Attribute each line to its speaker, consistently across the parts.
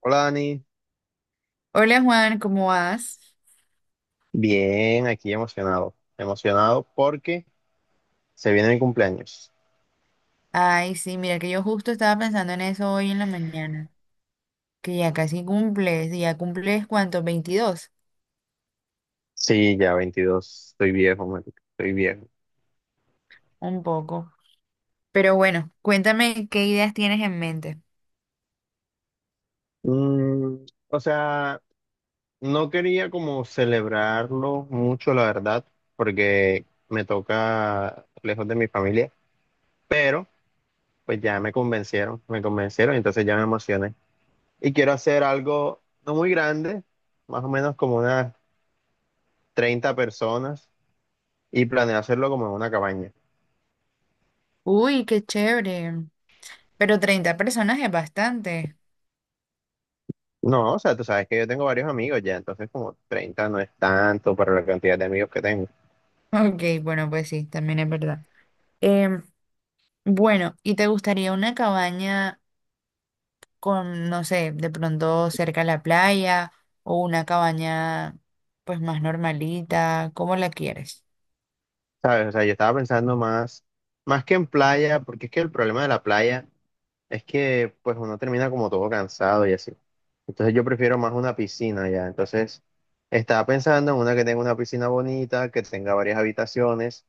Speaker 1: Hola Dani,
Speaker 2: Hola Juan, ¿cómo vas?
Speaker 1: bien, aquí emocionado porque se viene mi cumpleaños.
Speaker 2: Ay, sí, mira que yo justo estaba pensando en eso hoy en la mañana, que ya casi cumples, y ya cumples ¿cuánto? 22,
Speaker 1: Sí, ya 22, estoy viejo, marica, estoy viejo.
Speaker 2: un poco. Pero bueno, cuéntame qué ideas tienes en mente.
Speaker 1: Mm, o sea, no quería como celebrarlo mucho, la verdad, porque me toca lejos de mi familia, pero pues ya me convencieron, entonces ya me emocioné. Y quiero hacer algo no muy grande, más o menos como unas 30 personas, y planeo hacerlo como en una cabaña.
Speaker 2: Uy, qué chévere. Pero 30 personas es bastante.
Speaker 1: No, o sea, tú sabes que yo tengo varios amigos ya, entonces como 30 no es tanto para la cantidad de amigos que tengo,
Speaker 2: Ok, bueno, pues sí, también es verdad. Em, bueno, ¿y te gustaría una cabaña con, no sé, de pronto cerca a la playa o una cabaña pues más normalita? ¿Cómo la quieres?
Speaker 1: ¿sabes? O sea, yo estaba pensando más que en playa, porque es que el problema de la playa es que pues uno termina como todo cansado y así. Entonces yo prefiero más una piscina ya, entonces estaba pensando en una que tenga una piscina bonita, que tenga varias habitaciones.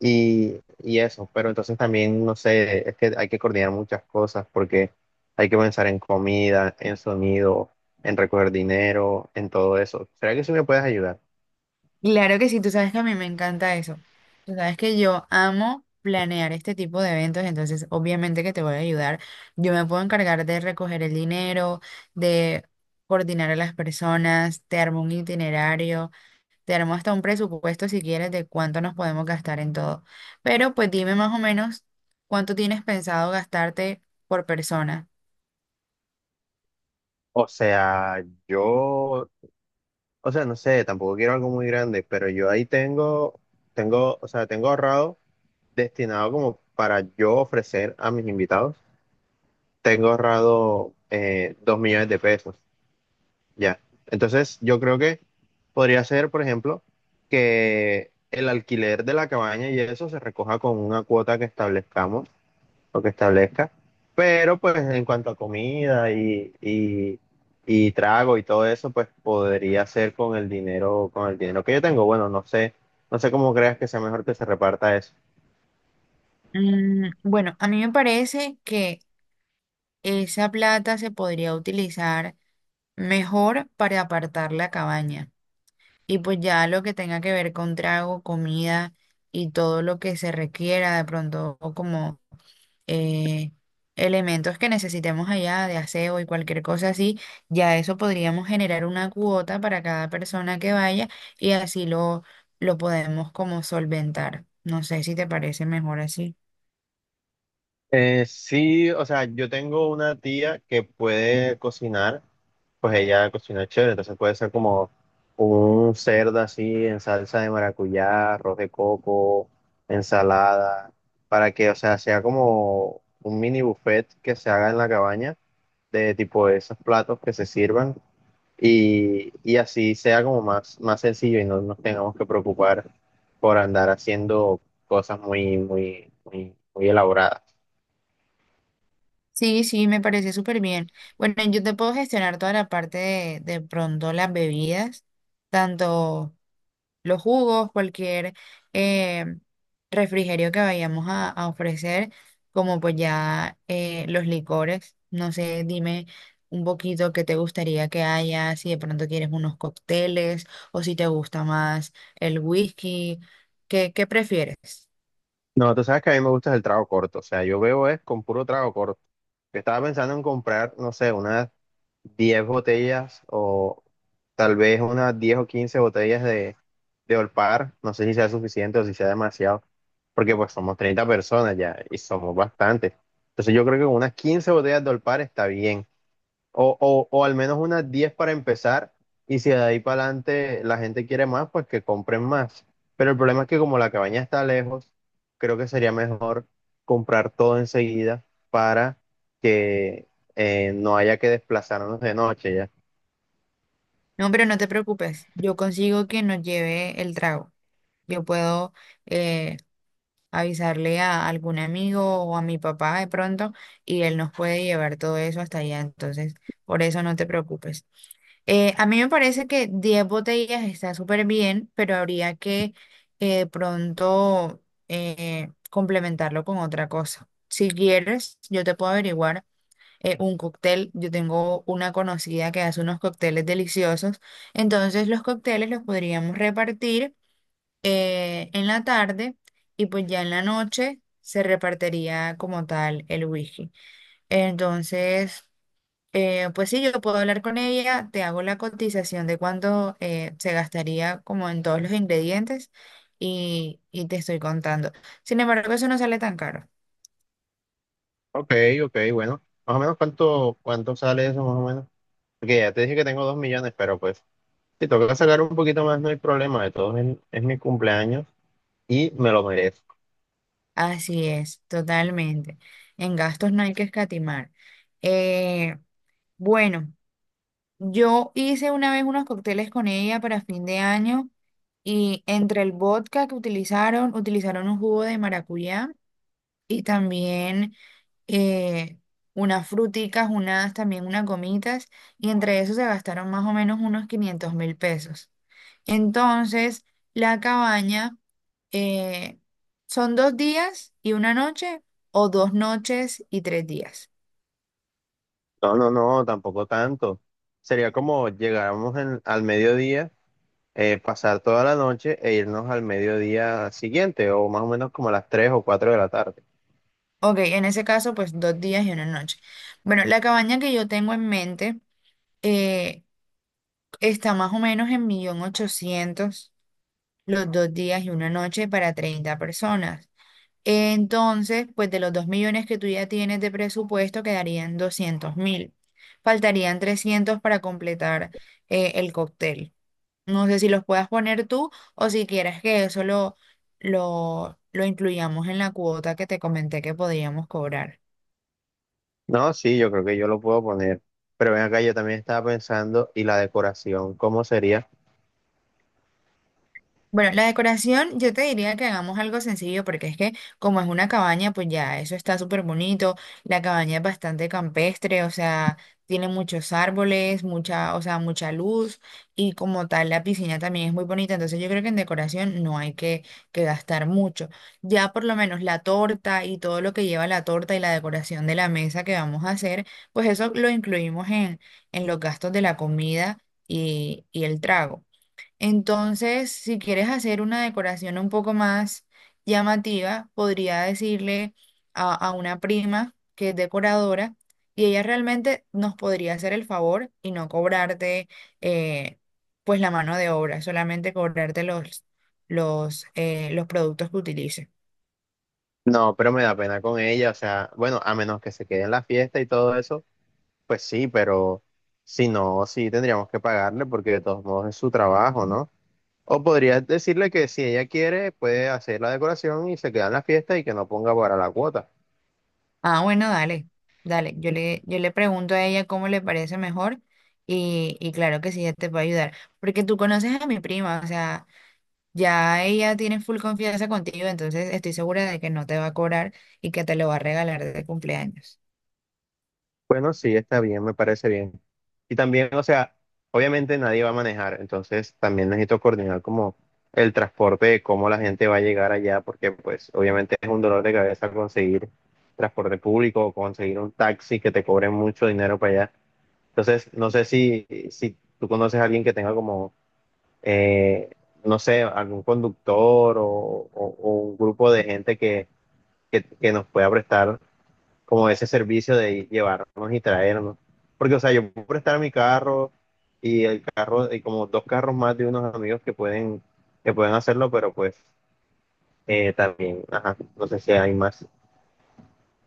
Speaker 1: Y eso, pero entonces también, no sé, es que hay que coordinar muchas cosas porque hay que pensar en comida, en sonido, en recoger dinero, en todo eso. ¿Será que sí me puedes ayudar?
Speaker 2: Claro que sí, tú sabes que a mí me encanta eso. Tú sabes que yo amo planear este tipo de eventos, entonces obviamente que te voy a ayudar. Yo me puedo encargar de recoger el dinero, de coordinar a las personas, te armo un itinerario, te armo hasta un presupuesto si quieres de cuánto nos podemos gastar en todo. Pero pues dime más o menos cuánto tienes pensado gastarte por persona.
Speaker 1: O sea, yo, no sé, tampoco quiero algo muy grande, pero yo ahí tengo ahorrado destinado como para yo ofrecer a mis invitados, tengo ahorrado 2.000.000 de pesos. Ya. Entonces, yo creo que podría ser, por ejemplo, que el alquiler de la cabaña y eso se recoja con una cuota que establezcamos o que establezca, pero pues en cuanto a comida y trago y todo eso, pues podría ser con el dinero, que yo tengo. Bueno, no sé cómo creas que sea mejor que se reparta eso.
Speaker 2: Bueno, a mí me parece que esa plata se podría utilizar. Mejor para apartar la cabaña. Y pues ya lo que tenga que ver con trago, comida y todo lo que se requiera de pronto o como eh, elementos que necesitemos allá de aseo y cualquier cosa así, ya eso podríamos generar una cuota para cada persona que vaya y así lo podemos como solventar. No sé si te parece mejor así.
Speaker 1: Sí, o sea, yo tengo una tía que puede cocinar. Pues ella cocina chévere, entonces puede ser como un cerdo así en salsa de maracuyá, arroz de coco, ensalada, para que, o sea, sea como un mini buffet que se haga en la cabaña de tipo esos platos que se sirvan y así sea como más sencillo y no nos tengamos que preocupar por andar haciendo cosas muy elaboradas.
Speaker 2: Sí, sí, me parece súper bien. Bueno, yo te puedo gestionar toda la parte de pronto las bebidas, tanto los jugos, cualquier eh, refrigerio que vayamos a ofrecer, como pues ya los licores. No sé, dime un poquito qué te gustaría que haya, si de pronto quieres unos cócteles o si te gusta más el whisky, ¿qué prefieres?
Speaker 1: No, tú sabes que a mí me gusta el trago corto, o sea, yo veo es con puro trago corto. Yo estaba pensando en comprar, no sé, unas 10 botellas o tal vez unas 10 o 15 botellas de Olpar, no sé si sea suficiente o si sea demasiado, porque pues somos 30 personas ya y somos bastantes. Entonces yo creo que con unas 15 botellas de Olpar está bien. O al menos unas 10 para empezar, y si de ahí para adelante la gente quiere más, pues que compren más. Pero el problema es que como la cabaña está lejos, creo que sería mejor comprar todo enseguida para que no haya que desplazarnos de noche ya.
Speaker 2: No, pero no te preocupes, yo consigo que nos lleve el trago. Yo puedo eh, avisarle a algún amigo o a mi papá de pronto y él nos puede llevar todo eso hasta allá. Entonces, por eso no te preocupes. A mí me parece que 10 botellas está súper bien, pero habría que pronto complementarlo con otra cosa. Si quieres, yo te puedo averiguar un cóctel. Yo tengo una conocida que hace unos cócteles deliciosos. Entonces, los cócteles los podríamos repartir en la tarde y pues ya en la noche se repartiría como tal el whisky. Entonces, pues sí, yo puedo hablar con ella, te hago la cotización de cuánto se gastaría como en todos los ingredientes y te estoy contando. Sin embargo, eso no sale tan caro.
Speaker 1: Ok, ok, bueno. Más o menos cuánto sale eso, más o menos. Porque ya te dije que tengo 2.000.000, pero pues si toca sacar un poquito más, no hay problema. De todos es mi cumpleaños y me lo merezco.
Speaker 2: Así es, totalmente. En gastos no hay que escatimar. Eh, bueno. Yo hice una vez unos cócteles con ella para fin de año y entre el vodka que utilizaron, utilizaron un jugo de maracuyá y también eh, unas fruticas, unas también unas gomitas y entre eso se gastaron más o menos unos 500.000 pesos. Entonces, la cabaña eh, son 2 días y una noche o 2 noches y 3 días.
Speaker 1: No, no, no, tampoco tanto. Sería como al mediodía, pasar toda la noche e irnos al mediodía siguiente, o más o menos como a las 3 o 4 de la tarde.
Speaker 2: Ok, en ese caso, pues 2 días y una noche. Bueno, la cabaña que yo tengo en mente eh, está más o menos en millón ochocientos los 2 días y una noche para 30 personas. Entonces, pues de los 2 millones que tú ya tienes de presupuesto, quedarían 200.000. Faltarían 300 para completar el cóctel. No sé si los puedas poner tú o si quieres que eso lo incluyamos en la cuota que te comenté que podíamos cobrar.
Speaker 1: No, sí, yo creo que yo lo puedo poner. Pero ven acá, yo también estaba pensando, ¿y la decoración? ¿Cómo sería?
Speaker 2: Bueno, la decoración yo te diría que hagamos algo sencillo porque es que como es una cabaña, pues ya eso está súper bonito. La cabaña es bastante campestre, o sea, tiene muchos árboles, mucha, o sea, mucha luz y como tal la piscina también es muy bonita. Entonces yo creo que en decoración no hay que gastar mucho. Ya por lo menos la torta y todo lo que lleva la torta y la decoración de la mesa que vamos a hacer, pues eso lo incluimos en los gastos de la comida y el trago. Entonces, si quieres hacer una decoración un poco más llamativa, podría decirle a una prima que es decoradora y ella realmente nos podría hacer el favor y no cobrarte eh, pues la mano de obra, solamente cobrarte los productos que utilice.
Speaker 1: No, pero me da pena con ella, o sea, bueno, a menos que se quede en la fiesta y todo eso, pues sí, pero si no, sí tendríamos que pagarle porque de todos modos es su trabajo, ¿no? O podrías decirle que si ella quiere, puede hacer la decoración y se queda en la fiesta y que no ponga para la cuota.
Speaker 2: Ah, bueno, dale, dale. Yo le pregunto a ella cómo le parece mejor y claro que sí, ella te puede ayudar. Porque tú conoces a mi prima, o sea. Ya ella tiene full confianza contigo, entonces estoy segura de que no te va a cobrar y que te lo va a regalar de cumpleaños.
Speaker 1: Bueno, sí, está bien, me parece bien. Y también, o sea, obviamente nadie va a manejar, entonces también necesito coordinar como el transporte de cómo la gente va a llegar allá, porque pues obviamente es un dolor de cabeza conseguir transporte público o conseguir un taxi que te cobre mucho dinero para allá. Entonces, no sé si tú conoces a alguien que tenga como eh, no sé, algún conductor o un grupo de gente que nos pueda prestar como ese servicio de llevarnos y traernos. Porque, o sea, yo puedo prestar mi carro y el carro, y como dos carros más de unos amigos que que pueden hacerlo, pero pues también, ajá, no sé si hay más.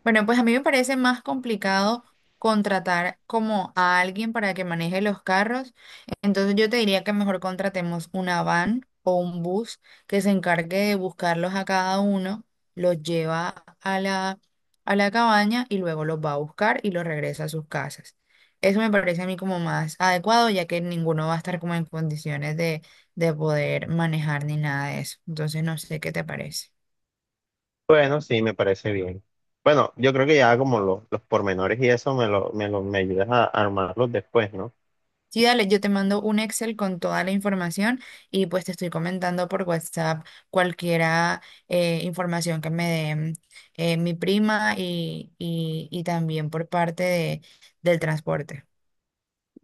Speaker 2: Bueno, pues a mí me parece más complicado contratar como a alguien para que maneje los carros. Entonces yo te diría que mejor contratemos una van o un bus que se encargue de buscarlos a cada uno, los lleva a la cabaña y luego los va a buscar y los regresa a sus casas. Eso me parece a mí como más adecuado, ya que ninguno va a estar como en condiciones de poder manejar ni nada de eso. Entonces no sé qué te parece.
Speaker 1: Bueno, sí, me parece bien. Bueno, yo creo que ya como los pormenores y eso me ayudas a armarlos después, ¿no?
Speaker 2: Sí, dale, yo te mando un Excel con toda la información y pues te estoy comentando por WhatsApp cualquiera información que me dé mi prima y también por parte del transporte.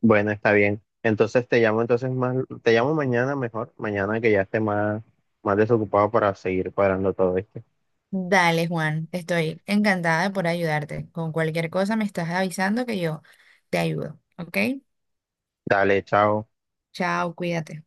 Speaker 1: Bueno, está bien. Entonces te llamo mañana mejor, mañana que ya esté más desocupado para seguir cuadrando todo esto.
Speaker 2: Dale, Juan, estoy encantada de por ayudarte. Con cualquier cosa me estás avisando que yo te ayudo, ¿ok?
Speaker 1: Dale, chao.
Speaker 2: Chao, cuídate.